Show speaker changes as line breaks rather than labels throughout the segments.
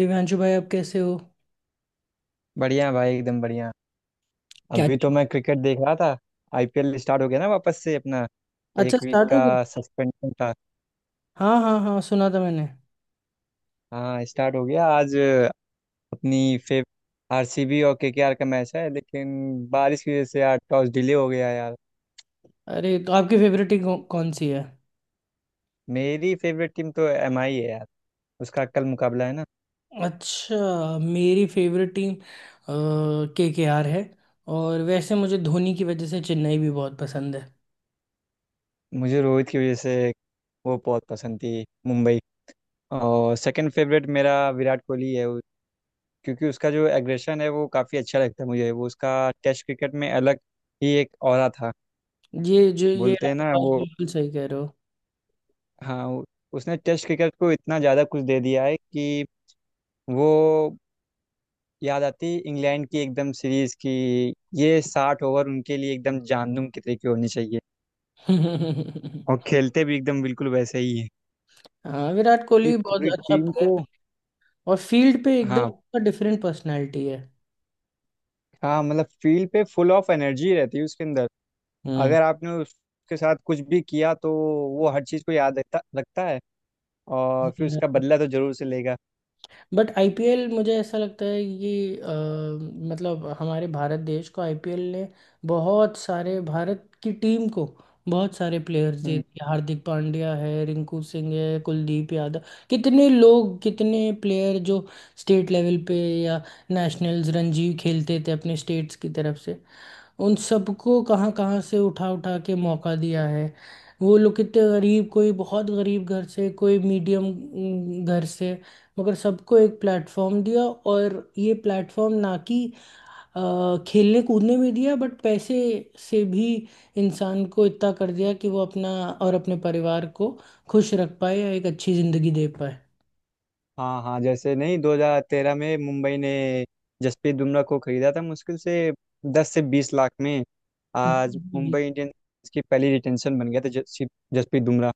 दिव्यांशु भाई आप कैसे हो?
बढ़िया भाई एकदम बढ़िया।
क्या?
अभी तो मैं क्रिकेट देख रहा था। आईपीएल स्टार्ट हो गया ना वापस से अपना।
अच्छा,
एक वीक
स्टार्ट हो गई।
का सस्पेंशन था।
हाँ हाँ हाँ, सुना था मैंने।
हाँ स्टार्ट हो गया आज। अपनी फेव आरसीबी और केकेआर का मैच है, लेकिन बारिश की वजह से यार टॉस डिले हो गया यार।
अरे तो आपकी फेवरेट टीम कौन सी है?
मेरी फेवरेट टीम तो एमआई है यार। उसका कल मुकाबला है ना।
अच्छा, मेरी फेवरेट टीम के आर है। और वैसे मुझे धोनी की वजह से चेन्नई भी बहुत पसंद है।
मुझे रोहित की वजह से वो बहुत पसंद थी मुंबई। और सेकंड फेवरेट मेरा विराट कोहली है, क्योंकि उसका जो एग्रेशन है वो काफ़ी अच्छा लगता है मुझे। वो उसका टेस्ट क्रिकेट में अलग ही एक ऑरा था।
ये
बोलते हैं
आप
ना
बात
वो।
बिल्कुल सही कह रहे हो।
हाँ, उसने टेस्ट क्रिकेट को इतना ज़्यादा कुछ दे दिया है कि वो, याद आती इंग्लैंड की एकदम सीरीज की। ये 60 ओवर उनके लिए एकदम जानदुम के तरीके होनी चाहिए। और खेलते भी एकदम बिल्कुल वैसे ही है
हाँ, विराट
कि
कोहली बहुत
पूरी
अच्छा
टीम को।
प्लेयर है। और फील्ड पे
हाँ
एकदम डिफरेंट पर्सनैलिटी है।
हाँ, मतलब फील्ड पे फुल ऑफ एनर्जी रहती है उसके अंदर।
हम्म।
अगर आपने उसके साथ कुछ भी किया तो वो हर चीज़ को याद रखता रखता है। और फिर उसका बदला तो जरूर से लेगा।
बट आईपीएल मुझे ऐसा लगता है कि मतलब हमारे भारत देश को आईपीएल ने बहुत सारे, भारत की टीम को बहुत सारे प्लेयर्स दे
हम्म,
दिए। हार्दिक पांड्या है, रिंकू सिंह है, कुलदीप यादव। कितने लोग, कितने प्लेयर जो स्टेट लेवल पे या नेशनल्स रणजी खेलते थे अपने स्टेट्स की तरफ से, उन सबको कहाँ कहाँ से उठा उठा के मौका दिया है। वो लोग कितने गरीब, कोई बहुत गरीब घर से, कोई मीडियम घर से, मगर सबको एक प्लेटफॉर्म दिया। और ये प्लेटफॉर्म ना कि खेलने कूदने में दिया, बट पैसे से भी इंसान को इतना कर दिया कि वो अपना और अपने परिवार को खुश रख पाए या एक अच्छी जिंदगी दे पाए।
हाँ हाँ, जैसे नहीं 2013 में मुंबई ने जसप्रीत बुमराह को खरीदा था मुश्किल से 10 से 20 लाख में।
जी,
आज
जी, जी।
मुंबई इंडियंस की पहली रिटेंशन बन गया था जसप्रीत बुमराह।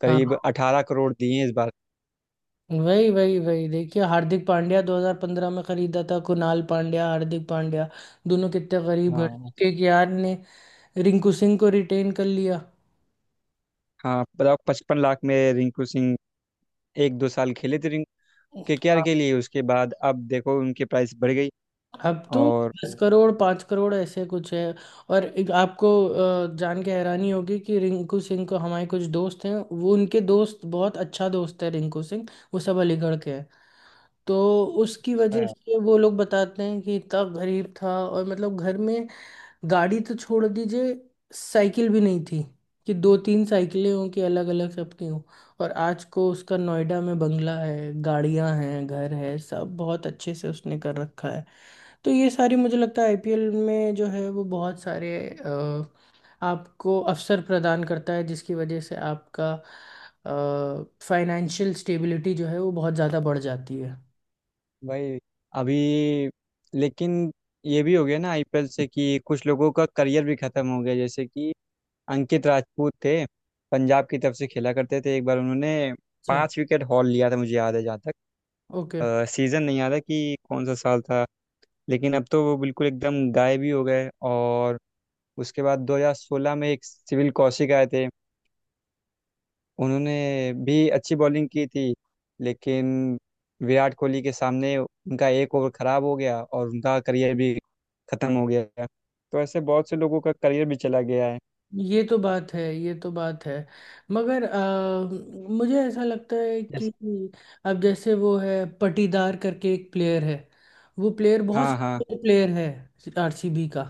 करीब
हाँ
18 करोड़ दिए हैं इस बार।
वही वही वही, देखिए हार्दिक पांड्या 2015 में खरीदा था। कुणाल पांड्या, हार्दिक पांड्या दोनों कितने गरीब घर
हाँ
के। यार ने रिंकू सिंह को रिटेन कर लिया।
हाँ, बताओ 55 लाख में रिंकू सिंह एक दो साल खेले थे रिंकू केकेआर
हाँ।
के लिए। उसके बाद अब देखो उनकी प्राइस बढ़ गई।
अब तो
और
10 करोड़, 5 करोड़, ऐसे कुछ है। और एक आपको जान के हैरानी होगी कि रिंकू सिंह को, हमारे कुछ दोस्त हैं वो उनके दोस्त, बहुत अच्छा दोस्त है रिंकू सिंह। वो सब अलीगढ़ के हैं, तो उसकी वजह से वो लोग बताते हैं कि इतना गरीब था और मतलब घर में गाड़ी तो छोड़ दीजिए, साइकिल भी नहीं थी कि दो तीन साइकिलें हों कि अलग अलग सबकी हों। और आज को उसका नोएडा में बंगला है, गाड़ियां हैं, घर है, सब बहुत अच्छे से उसने कर रखा है। तो ये सारी मुझे लगता है आईपीएल में जो है वो बहुत सारे आपको अवसर प्रदान करता है, जिसकी वजह से आपका फाइनेंशियल स्टेबिलिटी जो है वो बहुत ज़्यादा बढ़ जाती है।
भाई अभी, लेकिन ये भी हो गया ना आईपीएल से कि कुछ लोगों का करियर भी खत्म हो गया। जैसे कि अंकित राजपूत थे, पंजाब की तरफ से खेला करते थे। एक बार उन्होंने
अच्छा।
5 विकेट हॉल लिया था, मुझे याद है जहाँ तक।
ओके।
सीजन नहीं याद है कि कौन सा साल था। लेकिन अब तो वो बिल्कुल एकदम गायब ही हो गए। और उसके बाद 2016 में एक सिविल कौशिक आए थे। उन्होंने भी अच्छी बॉलिंग की थी। लेकिन विराट कोहली के सामने उनका एक ओवर खराब हो गया और उनका करियर भी खत्म हो गया। तो ऐसे बहुत से लोगों का करियर भी चला गया है।
ये तो बात है, ये तो बात है। मगर मुझे ऐसा लगता है कि
जैसे।
अब जैसे वो है पटीदार करके एक प्लेयर है। वो प्लेयर बहुत
हाँ हाँ।
सीनियर प्लेयर है आरसीबी का।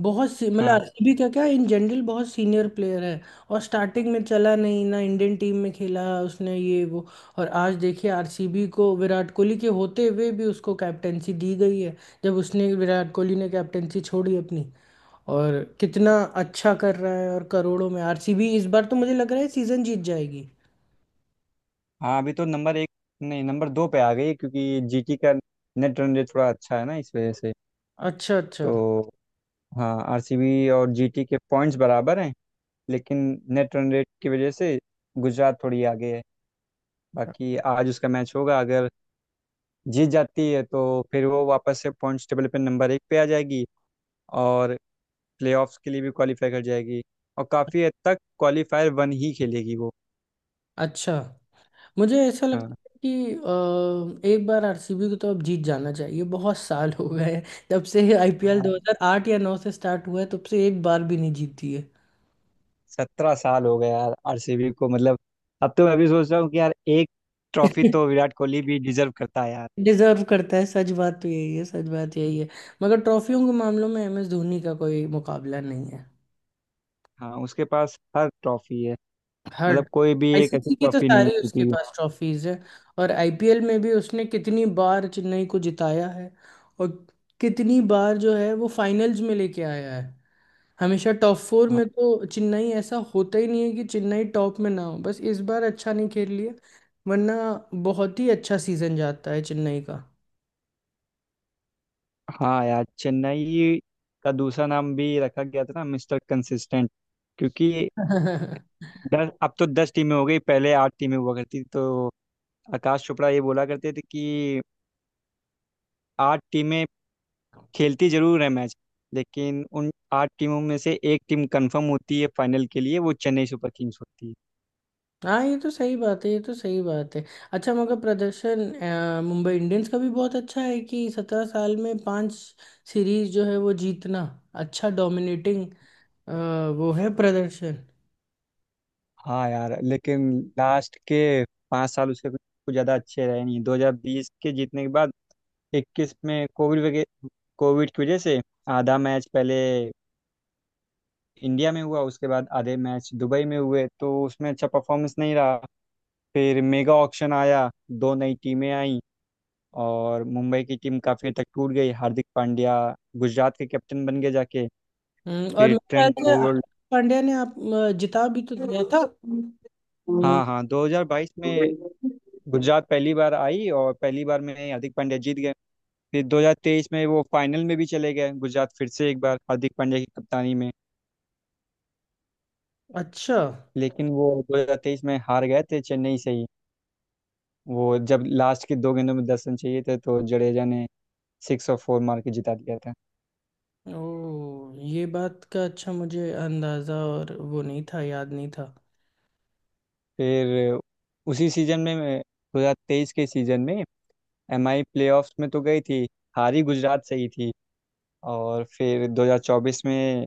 बहुत सी मतलब
हाँ
आरसीबी का क्या, इन जनरल बहुत सीनियर प्लेयर है। और स्टार्टिंग में चला नहीं ना, इंडियन टीम में खेला उसने ये वो। और आज देखिए आरसीबी को विराट कोहली के होते हुए भी उसको कैप्टेंसी दी गई है, जब उसने विराट कोहली ने कैप्टेंसी छोड़ी अपनी। और कितना अच्छा कर रहा है, और करोड़ों में आरसीबी इस बार तो मुझे लग रहा है सीजन जीत जाएगी।
हाँ, अभी तो नंबर एक, नहीं नंबर दो पे आ गई क्योंकि जीटी का नेट रन रेट थोड़ा अच्छा है ना इस वजह से।
अच्छा, अच्छा,
तो हाँ, आरसीबी और जीटी के पॉइंट्स बराबर हैं। लेकिन नेट रन रेट की वजह से गुजरात थोड़ी आगे है। बाकी आज उसका मैच होगा। अगर जीत जाती है तो फिर वो वापस से पॉइंट्स टेबल पे नंबर एक पे आ जाएगी। और प्लेऑफ्स के लिए भी क्वालिफाई कर जाएगी। और काफ़ी हद तक क्वालिफायर वन ही खेलेगी वो।
अच्छा, मुझे ऐसा लगता
हाँ
है कि एक बार आरसीबी को तो अब जीत जाना चाहिए, बहुत साल हो गए हैं। जब से आईपीएल
हाँ,
2008 या 9 से स्टार्ट हुआ है, तब से एक बार भी नहीं जीती है।
17 साल हो गए यार आरसीबी को। मतलब अब तो मैं भी सोच रहा हूँ कि यार एक ट्रॉफी तो विराट कोहली भी डिजर्व करता है यार।
डिजर्व करता है, सच बात तो यही है, सच बात यही है। मगर ट्रॉफियों के मामलों में एम एस धोनी का कोई मुकाबला नहीं है।
हाँ उसके पास हर ट्रॉफी है।
हर
मतलब कोई भी एक ऐसी
आईसीसी की तो
ट्रॉफी नहीं
सारी उसके
जीती है।
पास ट्रॉफीज है। और आईपीएल में भी उसने कितनी बार चेन्नई को जिताया है, और कितनी बार जो है वो फाइनल्स में लेके आया है। हमेशा टॉप फोर
हाँ।
में तो चेन्नई, ऐसा होता ही नहीं है कि चेन्नई टॉप में ना हो, बस इस बार अच्छा नहीं खेल लिया, वरना बहुत ही अच्छा सीजन जाता है चेन्नई
हाँ यार, चेन्नई का दूसरा नाम भी रखा गया था ना, मिस्टर कंसिस्टेंट। क्योंकि
का।
दस, अब तो 10 टीमें हो गई, पहले आठ टीमें हुआ करती थी। तो आकाश चोपड़ा ये बोला करते थे कि आठ टीमें खेलती जरूर है मैच, लेकिन उन आठ टीमों में से एक टीम कंफर्म होती है फाइनल के लिए, वो चेन्नई सुपर किंग्स होती है।
हाँ, ये तो सही बात है, ये तो सही बात है। अच्छा, मगर प्रदर्शन मुंबई इंडियंस का भी बहुत अच्छा है कि 17 साल में पांच सीरीज जो है वो जीतना, अच्छा डोमिनेटिंग वो है प्रदर्शन।
हाँ यार लेकिन लास्ट के 5 साल उसके कुछ कुछ ज़्यादा अच्छे रहे नहीं। 2020 के जीतने के बाद 21 में कोविड की वजह से आधा मैच पहले इंडिया में हुआ, उसके बाद आधे मैच दुबई में हुए। तो उसमें अच्छा परफॉर्मेंस नहीं रहा। फिर मेगा ऑक्शन आया, दो नई टीमें आईं और मुंबई की टीम काफी हद तक टूट गई। हार्दिक पांड्या गुजरात के कैप्टन बन गए जाके।
हम्म। और
फिर
मेरे ख्याल
ट्रेंट
से हार्दिक
बोल्ट।
पांड्या ने आप जिता भी तो दिया था।
हाँ हाँ, 2022 में गुजरात पहली बार आई और पहली बार में ही हार्दिक पांड्या जीत गए। फिर 2023 में वो फाइनल में भी चले गए गुजरात, फिर से एक बार हार्दिक पांड्या की कप्तानी में।
अच्छा।
लेकिन वो 2023 में हार गए थे चेन्नई से ही। वो जब लास्ट के 2 गेंदों में 10 रन चाहिए थे तो जडेजा ने सिक्स और फोर मार के जिता दिया था।
ओ, ये बात का अच्छा मुझे अंदाजा और वो नहीं था, याद नहीं था।
फिर उसी सीजन में 2023 के सीजन में एमआई प्लेऑफ्स में तो गई थी, हारी गुजरात से ही थी। और फिर 2024 में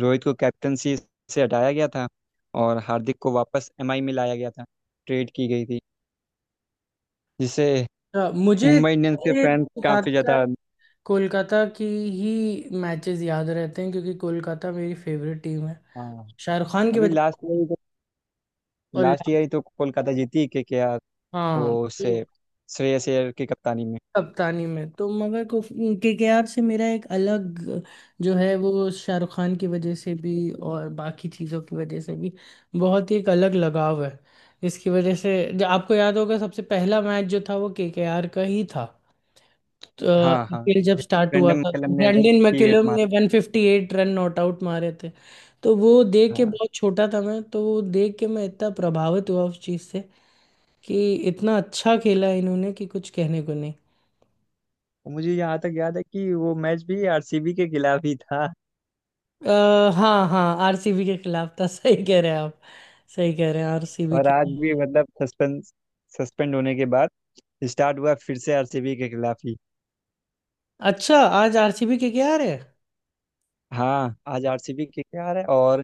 रोहित को कैप्टनसी से हटाया गया था और हार्दिक को वापस एमआई में लाया गया था, ट्रेड की गई थी। जिससे
मुझे
मुंबई इंडियंस के फैंस काफ़ी
ज्यादातर
ज़्यादा।
कोलकाता की ही मैचेस याद रहते हैं, क्योंकि कोलकाता मेरी फेवरेट टीम है।
हाँ,
शाहरुख खान की
अभी
वजह
लास्ट
से।
ईयर ही तो,
और
लास्ट
लास्ट
ईयर ही तो कोलकाता जीती, के आर। वो
हाँ
उससे
तो
श्रेयस अय्यर की कप्तानी में।
कप्तानी में तो मगर केकेआर से मेरा एक अलग जो है वो शाहरुख खान की वजह से भी और बाकी चीज़ों की वजह से भी, बहुत ही एक अलग लगाव है। इसकी वजह से, जो आपको याद होगा सबसे पहला मैच जो था वो केकेआर का ही था।
हाँ हाँ,
आईपीएल जब
जिसमें
स्टार्ट हुआ
ब्रेंडन
था,
मैकलम
तो
ने
ब्रैंडन मैकुलम
158
ने
मारा।
158 रन नॉट आउट मारे थे। तो वो देख के
हाँ,
बहुत छोटा था मैं, तो वो देख के मैं इतना प्रभावित हुआ उस चीज़ से कि इतना अच्छा खेला इन्होंने कि कुछ कहने को नहीं।
मुझे यहाँ तक याद है कि वो मैच भी आरसीबी के खिलाफ ही था।
हाँ हाँ, आरसीबी के खिलाफ था सही कह रहे हैं आप, सही कह रहे हैं आरसीबी
और
के।
आज भी मतलब सस्पेंड सस्पेंड होने के बाद स्टार्ट हुआ फिर से आरसीबी के खिलाफ ही।
अच्छा, आज आरसीबी के क्या है?
हाँ आज आरसीबी के केकेआर है और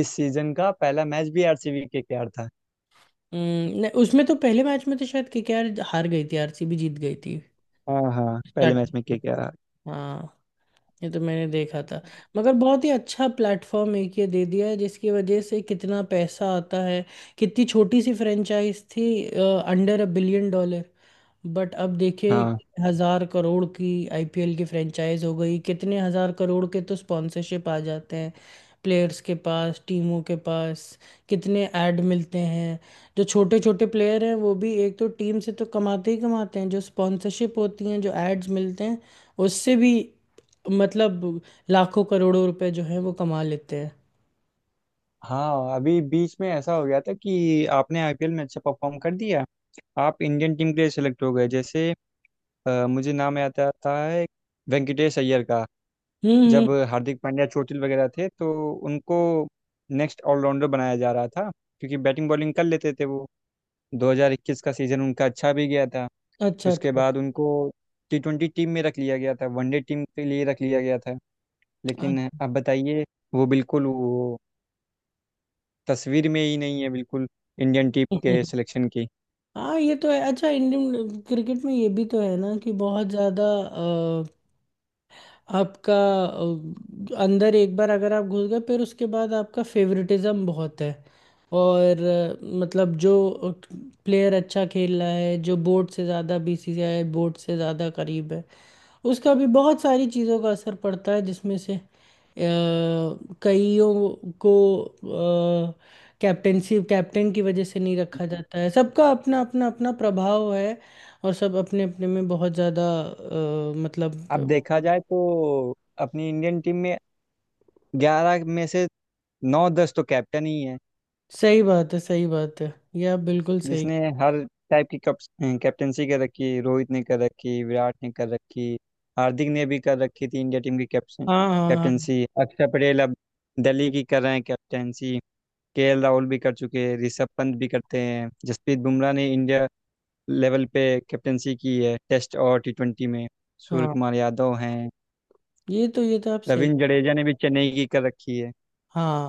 इस सीजन का पहला मैच भी आरसीबी के केकेआर था।
नहीं, उसमें तो पहले मैच में तो शायद केकेआर हार गई थी, आरसीबी जीत गई थी।
हाँ हाँ, पहले मैच
स्टार्टिंग
में केकेआर।
में। हाँ, ये तो मैंने देखा था। मगर बहुत ही अच्छा प्लेटफॉर्म एक ये दे दिया है, जिसकी वजह से कितना पैसा आता है, कितनी छोटी सी फ्रेंचाइज थी, under a billion dollar, but अब देखिए
हाँ
हजार करोड़ की आईपीएल की फ्रेंचाइज हो गई, कितने हजार करोड़ के तो स्पॉन्सरशिप आ जाते हैं। प्लेयर्स के पास, टीमों के पास कितने ऐड मिलते हैं, जो छोटे छोटे प्लेयर हैं वो भी एक तो टीम से तो कमाते ही कमाते हैं, जो स्पॉन्सरशिप होती हैं जो एड्स मिलते हैं उससे भी मतलब लाखों करोड़ों रुपए जो है वो कमा लेते हैं।
हाँ, अभी बीच में ऐसा हो गया था कि आपने आईपीएल में अच्छा परफॉर्म कर दिया, आप इंडियन टीम के लिए सेलेक्ट हो गए। जैसे मुझे नाम याद आता है वेंकटेश अय्यर का।
हम्म, हम्म।
जब हार्दिक पांड्या चोटिल वगैरह थे तो उनको नेक्स्ट ऑलराउंडर बनाया जा रहा था क्योंकि बैटिंग बॉलिंग कर लेते थे वो। 2021 का सीजन उनका अच्छा भी गया था।
अच्छा,
उसके
अच्छा,
बाद उनको टी ट्वेंटी टीम में रख लिया गया था, वनडे टीम के लिए रख लिया गया था। लेकिन
अच्छा।
अब बताइए, वो बिल्कुल, वो तस्वीर में ही नहीं है बिल्कुल इंडियन टीम के सिलेक्शन की।
हाँ, ये तो है, अच्छा इंडियन क्रिकेट में ये भी तो है ना कि बहुत ज्यादा आपका अंदर एक बार अगर आप घुस गए फिर उसके बाद आपका फेवरेटिज्म बहुत है। और मतलब जो प्लेयर अच्छा खेल रहा है जो बोर्ड से ज़्यादा बीसीसीआई बोर्ड से ज़्यादा करीब है, उसका भी बहुत सारी चीज़ों का असर पड़ता है, जिसमें से कईयों को कैप्टेंसी कैप्टन की वजह से नहीं रखा जाता है, सबका अपना अपना अपना प्रभाव है। और सब अपने अपने में बहुत ज़्यादा
अब
मतलब।
देखा जाए तो अपनी इंडियन टीम में 11 में से नौ दस तो कैप्टन ही है।
सही बात है, सही बात है, ये आप बिल्कुल सही।
जिसने हर टाइप की कैप्टेंसी कर रखी, रोहित ने कर रखी, विराट ने कर रखी, हार्दिक ने भी कर रखी थी इंडिया टीम की कैप्टन
हाँ हाँ
कैप्टेंसी। अक्षर पटेल अब दिल्ली की कर रहे हैं कैप्टेंसी। केएल राहुल भी कर चुके हैं, ऋषभ पंत भी करते हैं। जसप्रीत बुमराह ने इंडिया लेवल पे कैप्टेंसी की है टेस्ट और टी ट्वेंटी में।
हाँ
सूर्य
हाँ,
कुमार यादव हैं,
ये तो आप सही।
रविंद्र जडेजा ने भी चेन्नई की कर रखी है।
हाँ।